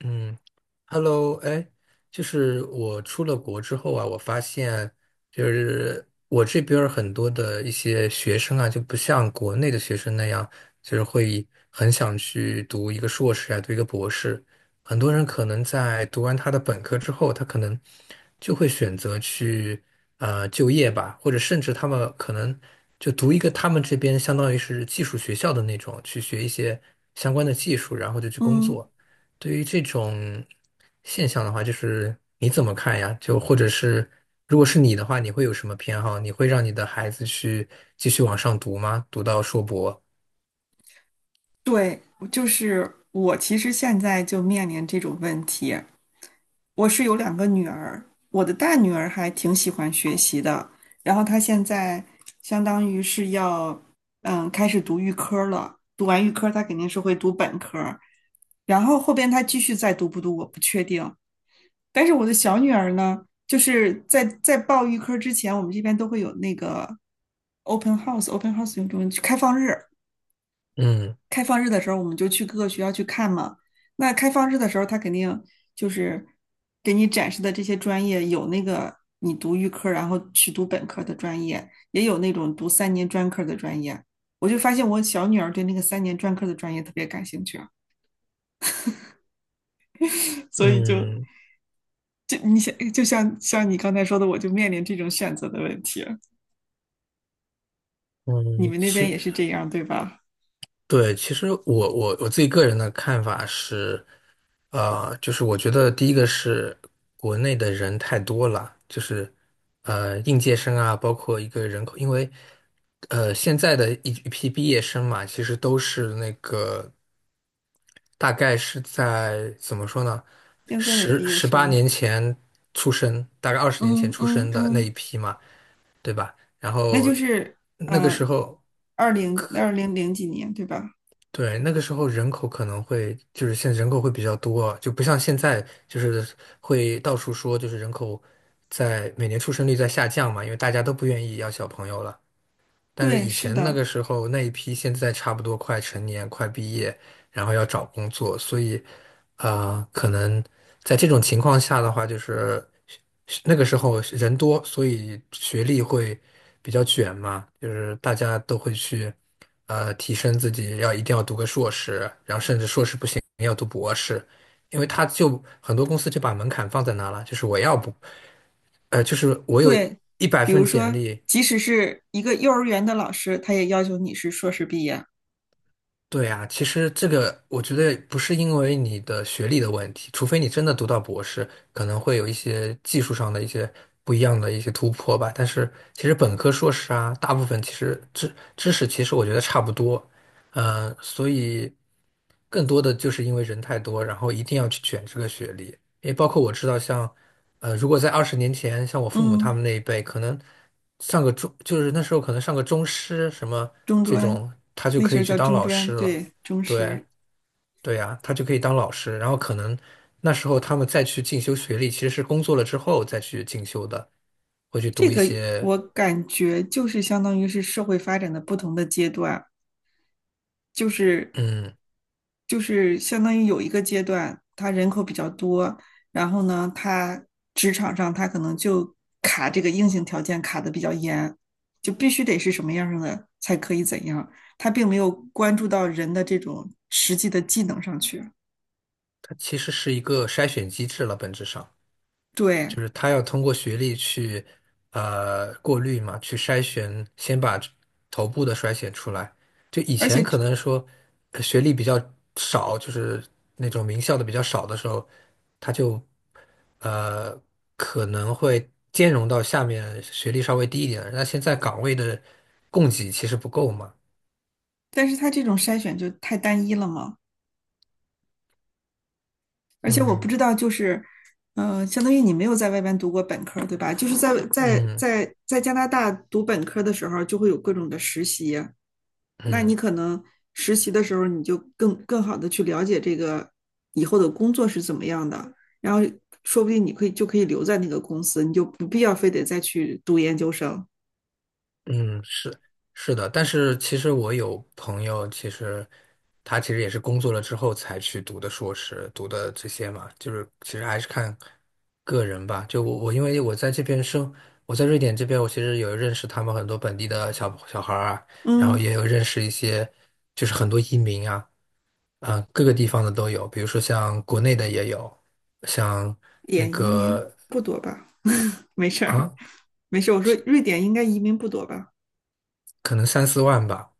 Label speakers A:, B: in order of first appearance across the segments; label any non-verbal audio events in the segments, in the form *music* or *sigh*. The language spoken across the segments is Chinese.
A: 嗯，Hello，哎，就是我出了国之后啊，我发现就是我这边儿很多的一些学生啊，就不像国内的学生那样，就是会很想去读一个硕士啊，读一个博士。很多人可能在读完他的本科之后，他可能就会选择去就业吧，或者甚至他们可能就读一个他们这边相当于是技术学校的那种，去学一些相关的技术，然后就去工
B: 嗯，
A: 作。对于这种现象的话，就是你怎么看呀？就或者是，如果是你的话，你会有什么偏好？你会让你的孩子去继续往上读吗？读到硕博？
B: 对，就是我其实现在就面临这种问题。我是有两个女儿，我的大女儿还挺喜欢学习的，然后她现在相当于是要开始读预科了，读完预科她肯定是会读本科儿，然后后边她继续再读不读我不确定。但是我的小女儿呢，就是在报预科之前，我们这边都会有那个 open house，open house 用中文开放日。
A: 嗯
B: 开放日的时候，我们就去各个学校去看嘛。那开放日的时候，他肯定就是给你展示的这些专业，有那个你读预科，然后去读本科的专业，也有那种读三年专科的专业。我就发现我小女儿对那个三年专科的专业特别感兴趣啊，所以就
A: 嗯
B: 就你想，就像你刚才说的，我就面临这种选择的问题。你
A: 嗯，
B: 们那边
A: 是。
B: 也是这样，对吧？
A: 对，其实我自己个人的看法是，就是我觉得第一个是国内的人太多了，就是应届生啊，包括一个人口，因为现在的一批毕业生嘛，其实都是那个大概是在怎么说呢，
B: 现在的毕
A: 十
B: 业
A: 十八
B: 生，
A: 年前出生，大概二十年前
B: 嗯
A: 出
B: 嗯
A: 生的那
B: 嗯。
A: 一批嘛，对吧？然
B: 那
A: 后
B: 就是
A: 那个
B: 嗯，
A: 时候。
B: 二零二零零几年，对吧？
A: 对，那个时候人口可能会就是现在人口会比较多啊就不像现在就是会到处说就是人口在每年出生率在下降嘛，因为大家都不愿意要小朋友了。但是
B: 对，
A: 以
B: 是
A: 前那个
B: 的，
A: 时候那一批，现在差不多快成年、快毕业，然后要找工作，所以，可能在这种情况下的话，就是那个时候人多，所以学历会比较卷嘛，就是大家都会去，提升自己，要一定要读个硕士，然后甚至硕士不行要读博士，因为他就很多公司就把门槛放在那了，就是我要不，就是我有
B: 对。
A: 一百
B: 比
A: 份
B: 如
A: 简
B: 说，
A: 历。
B: 即使是一个幼儿园的老师，他也要求你是硕士毕业。
A: 对啊，其实这个我觉得不是因为你的学历的问题，除非你真的读到博士，可能会有一些技术上的一些不一样的一些突破吧。但是其实本科、硕士啊，大部分其实知识其实我觉得差不多，所以更多的就是因为人太多，然后一定要去卷这个学历。也包括我知道像，如果在二十年前，像我父母他
B: 嗯，
A: 们那一辈，可能上个中，就是那时候可能上个中师什么
B: 中
A: 这
B: 专，
A: 种，他就
B: 那
A: 可
B: 时
A: 以
B: 候
A: 去
B: 叫
A: 当
B: 中
A: 老
B: 专，
A: 师了。
B: 对，中
A: 对，
B: 师。
A: 对呀，他就可以当老师。然后可能那时候他们再去进修学历，其实是工作了之后再去进修的，会去读
B: 这
A: 一
B: 个
A: 些，
B: 我感觉就是相当于是社会发展的不同的阶段，就是
A: 嗯，
B: 就是相当于有一个阶段，他人口比较多，然后呢，他职场上他可能就卡这个硬性条件卡的比较严，就必须得是什么样的才可以怎样，他并没有关注到人的这种实际的技能上去。
A: 它其实是一个筛选机制了，本质上。
B: 对，
A: 就是他要通过学历去过滤嘛，去筛选，先把这头部的筛选出来。就以
B: 而
A: 前
B: 且
A: 可能说学历比较少，就是那种名校的比较少的时候，他就呃可能会兼容到下面学历稍微低一点的。那现在岗位的供给其实不够嘛，
B: 但是他这种筛选就太单一了嘛。而且我不
A: 嗯
B: 知道，就是，相当于你没有在外边读过本科，对吧？就是在在
A: 嗯
B: 在在加拿大读本科的时候，就会有各种的实习，那你
A: 嗯。
B: 可能实习的时候，你就更好的去了解这个以后的工作是怎么样的，然后说不定你可以就可以留在那个公司，你就不必要非得再去读研究生。
A: 嗯，是是的，但是其实我有朋友，其实他其实也是工作了之后才去读的硕士，读的这些嘛，就是其实还是看个人吧。就我因为我在这边生，我在瑞典这边，我其实有认识他们很多本地的小孩儿啊，然后
B: 嗯，
A: 也有认识一些就是很多移民啊，各个地方的都有，比如说像国内的也有，像那
B: 点移民
A: 个
B: 不多吧？*laughs* 没事儿，
A: 啊，
B: 没事我说瑞典应该移民不多吧？
A: 可能三四万吧，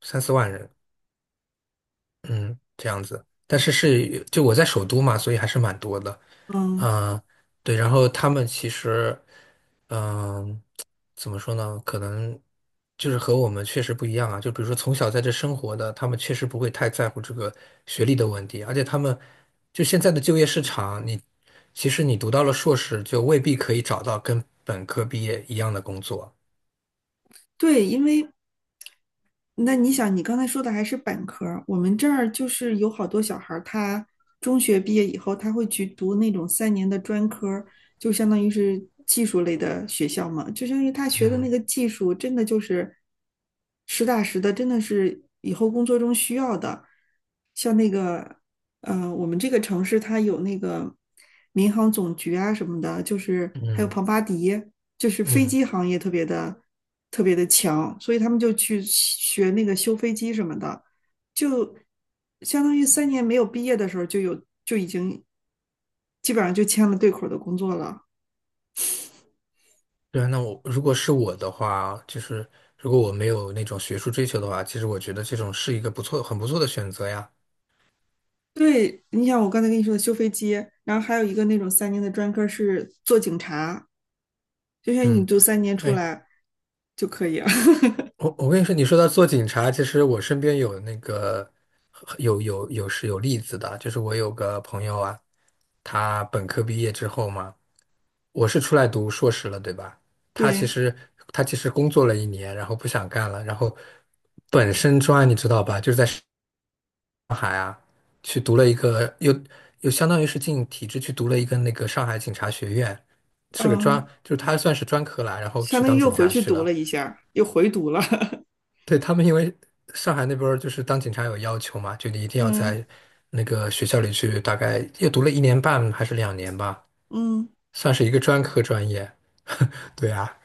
A: 三四万人。嗯，这样子，但是就我在首都嘛，所以还是蛮多的。
B: 嗯。
A: 啊、对，然后他们其实，嗯、怎么说呢？可能就是和我们确实不一样啊。就比如说从小在这生活的，他们确实不会太在乎这个学历的问题，而且他们就现在的就业市场，你其实你读到了硕士，就未必可以找到跟本科毕业一样的工作。
B: 对，因为那你想，你刚才说的还是本科儿，我们这儿就是有好多小孩儿他中学毕业以后，他会去读那种三年的专科儿，就相当于是技术类的学校嘛，就相当于他学的那
A: 嗯
B: 个技术，真的就是实打实的，真的是以后工作中需要的。像那个，我们这个城市它有那个民航总局啊什么的，就是还有
A: 嗯
B: 庞巴迪。就是飞
A: 嗯。
B: 机行业特别的特别的强，所以他们就去学那个修飞机什么的，就相当于三年没有毕业的时候就已经基本上就签了对口的工作了。
A: 对啊，那我如果是我的话，就是如果我没有那种学术追求的话，其实我觉得这种是一个不错、很不错的选择呀。
B: 对，你想我刚才跟你说的修飞机，然后还有一个那种三年的专科是做警察，就像你
A: 嗯，
B: 读三年出
A: 哎，
B: 来就可以了。*laughs*
A: 我跟你说，你说到做警察，其实我身边有那个有有有是有例子的，就是我有个朋友啊，他本科毕业之后嘛，我是出来读硕士了，对吧？他其
B: 对，
A: 实他其实工作了一年，然后不想干了，然后本身专，你知道吧，就是在。去读了一个，又相当于是进体制去读了一个那个上海警察学院，是个专，
B: 嗯，
A: 就是他算是专科啦，然后
B: 相
A: 去
B: 当于
A: 当
B: 又
A: 警
B: 回
A: 察
B: 去
A: 去
B: 读了
A: 了。
B: 一下，又回读了。
A: 对，他们因为上海那边儿就是当警察有要求嘛，就你一
B: *laughs*
A: 定要
B: 嗯
A: 在那个学校里去，大概又读了1年半还是两年吧，
B: 嗯。
A: 算是一个专科专业。对啊，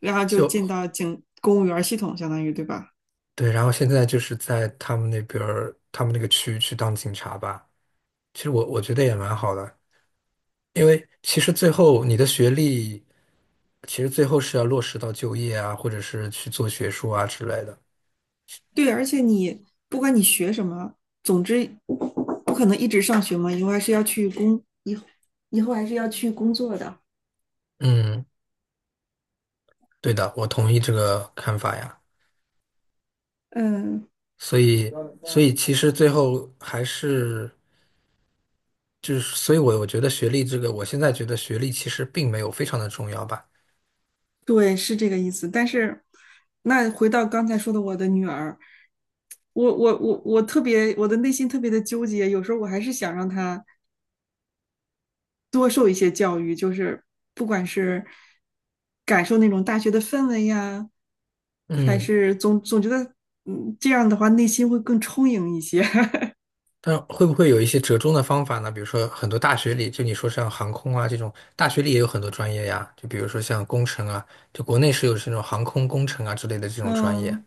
B: 然后就进
A: 就
B: 到警公务员系统，相当于对吧？
A: 对，然后现在就是在他们那边儿，他们那个区去当警察吧。其实我觉得也蛮好的，因为其实最后你的学历。其实最后是要落实到就业啊，或者是去做学术啊之类的。
B: 对，而且你不管你学什么，总之不可能一直上学嘛，以后还是要去工作的。
A: 嗯，对的，我同意这个看法呀。
B: 嗯，
A: 所以，所以其实最后还是就是，所以我觉得学历这个，我现在觉得学历其实并没有非常的重要吧。
B: 对，是这个意思。但是那回到刚才说的我的女儿，我的内心特别的纠结，有时候我还是想让她多受一些教育，就是不管是感受那种大学的氛围呀，还
A: 嗯，
B: 是总觉得，这样的话内心会更充盈一些。*laughs*
A: 但会不会有一些折中的方法呢？比如说很多大学里，就你说像航空啊这种，大学里也有很多专业呀。就比如说像工程啊，就国内是有这种航空工程啊之类的这种专业，
B: 嗯，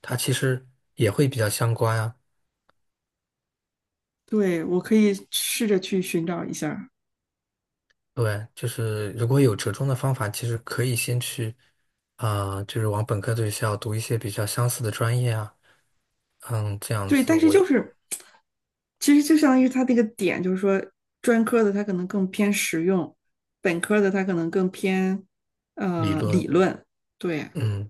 A: 它其实也会比较相关啊。
B: 对，我可以试着去寻找一下儿。
A: 对，就是如果有折中的方法，其实可以先去，就是往本科的学校读一些比较相似的专业啊，嗯，这样
B: 对，
A: 子
B: 但是
A: 我
B: 就是，其实就相当于他这个点，就是说专科的他可能更偏实用，本科的他可能更偏
A: 理论，
B: 理论。对，
A: 嗯，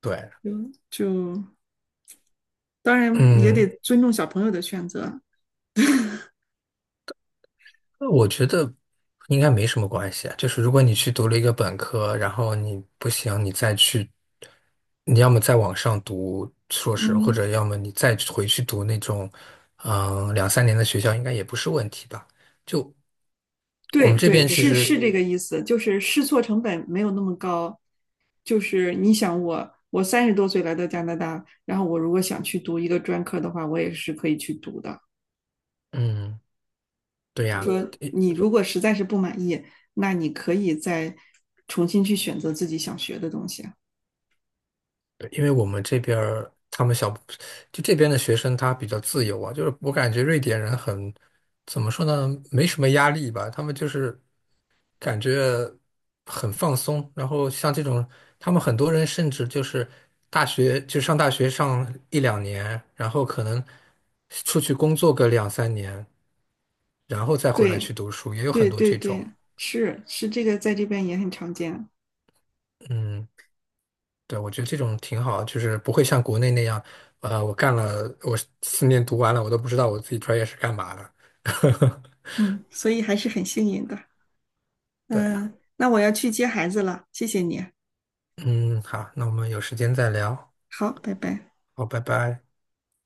A: 对，
B: 就当然也得
A: 嗯，
B: 尊重小朋友的选择。
A: 我觉得应该没什么关系啊。就是如果你去读了一个本科，然后你不行，你再去，你要么再往上读硕士，或
B: 嗯。
A: 者要么你再回去读那种，两三年的学校，应该也不是问题吧？就我
B: 对哎
A: 们这
B: 对，
A: 边其
B: 是
A: 实。
B: 是这个意思，就是试错成本没有那么高。就是你想我30多岁来到加拿大，然后我如果想去读一个专科的话，我也是可以去读的。
A: 嗯，对
B: 就
A: 呀，
B: 说
A: 因
B: 你如果实在是不满意，那你可以再重新去选择自己想学的东西啊。
A: 因为我们这边儿他们小，就这边的学生他比较自由啊，就是我感觉瑞典人很，怎么说呢，没什么压力吧，他们就是感觉很放松。然后像这种，他们很多人甚至就是大学就上大学上一两年，然后可能出去工作个两三年，然后再回来
B: 对
A: 去读书，也有很
B: 对
A: 多
B: 对
A: 这种。
B: 对，是是这个在这边也很常见。
A: 嗯。对，我觉得这种挺好，就是不会像国内那样，我干了，我4年读完了，我都不知道我自己专业是干嘛的。
B: 嗯，所以还是很幸运的。
A: 对
B: 嗯，
A: 啊，
B: 那我要去接孩子了，谢谢你。
A: 嗯，好，那我们有时间再聊，
B: 好，拜拜。
A: 好，拜拜。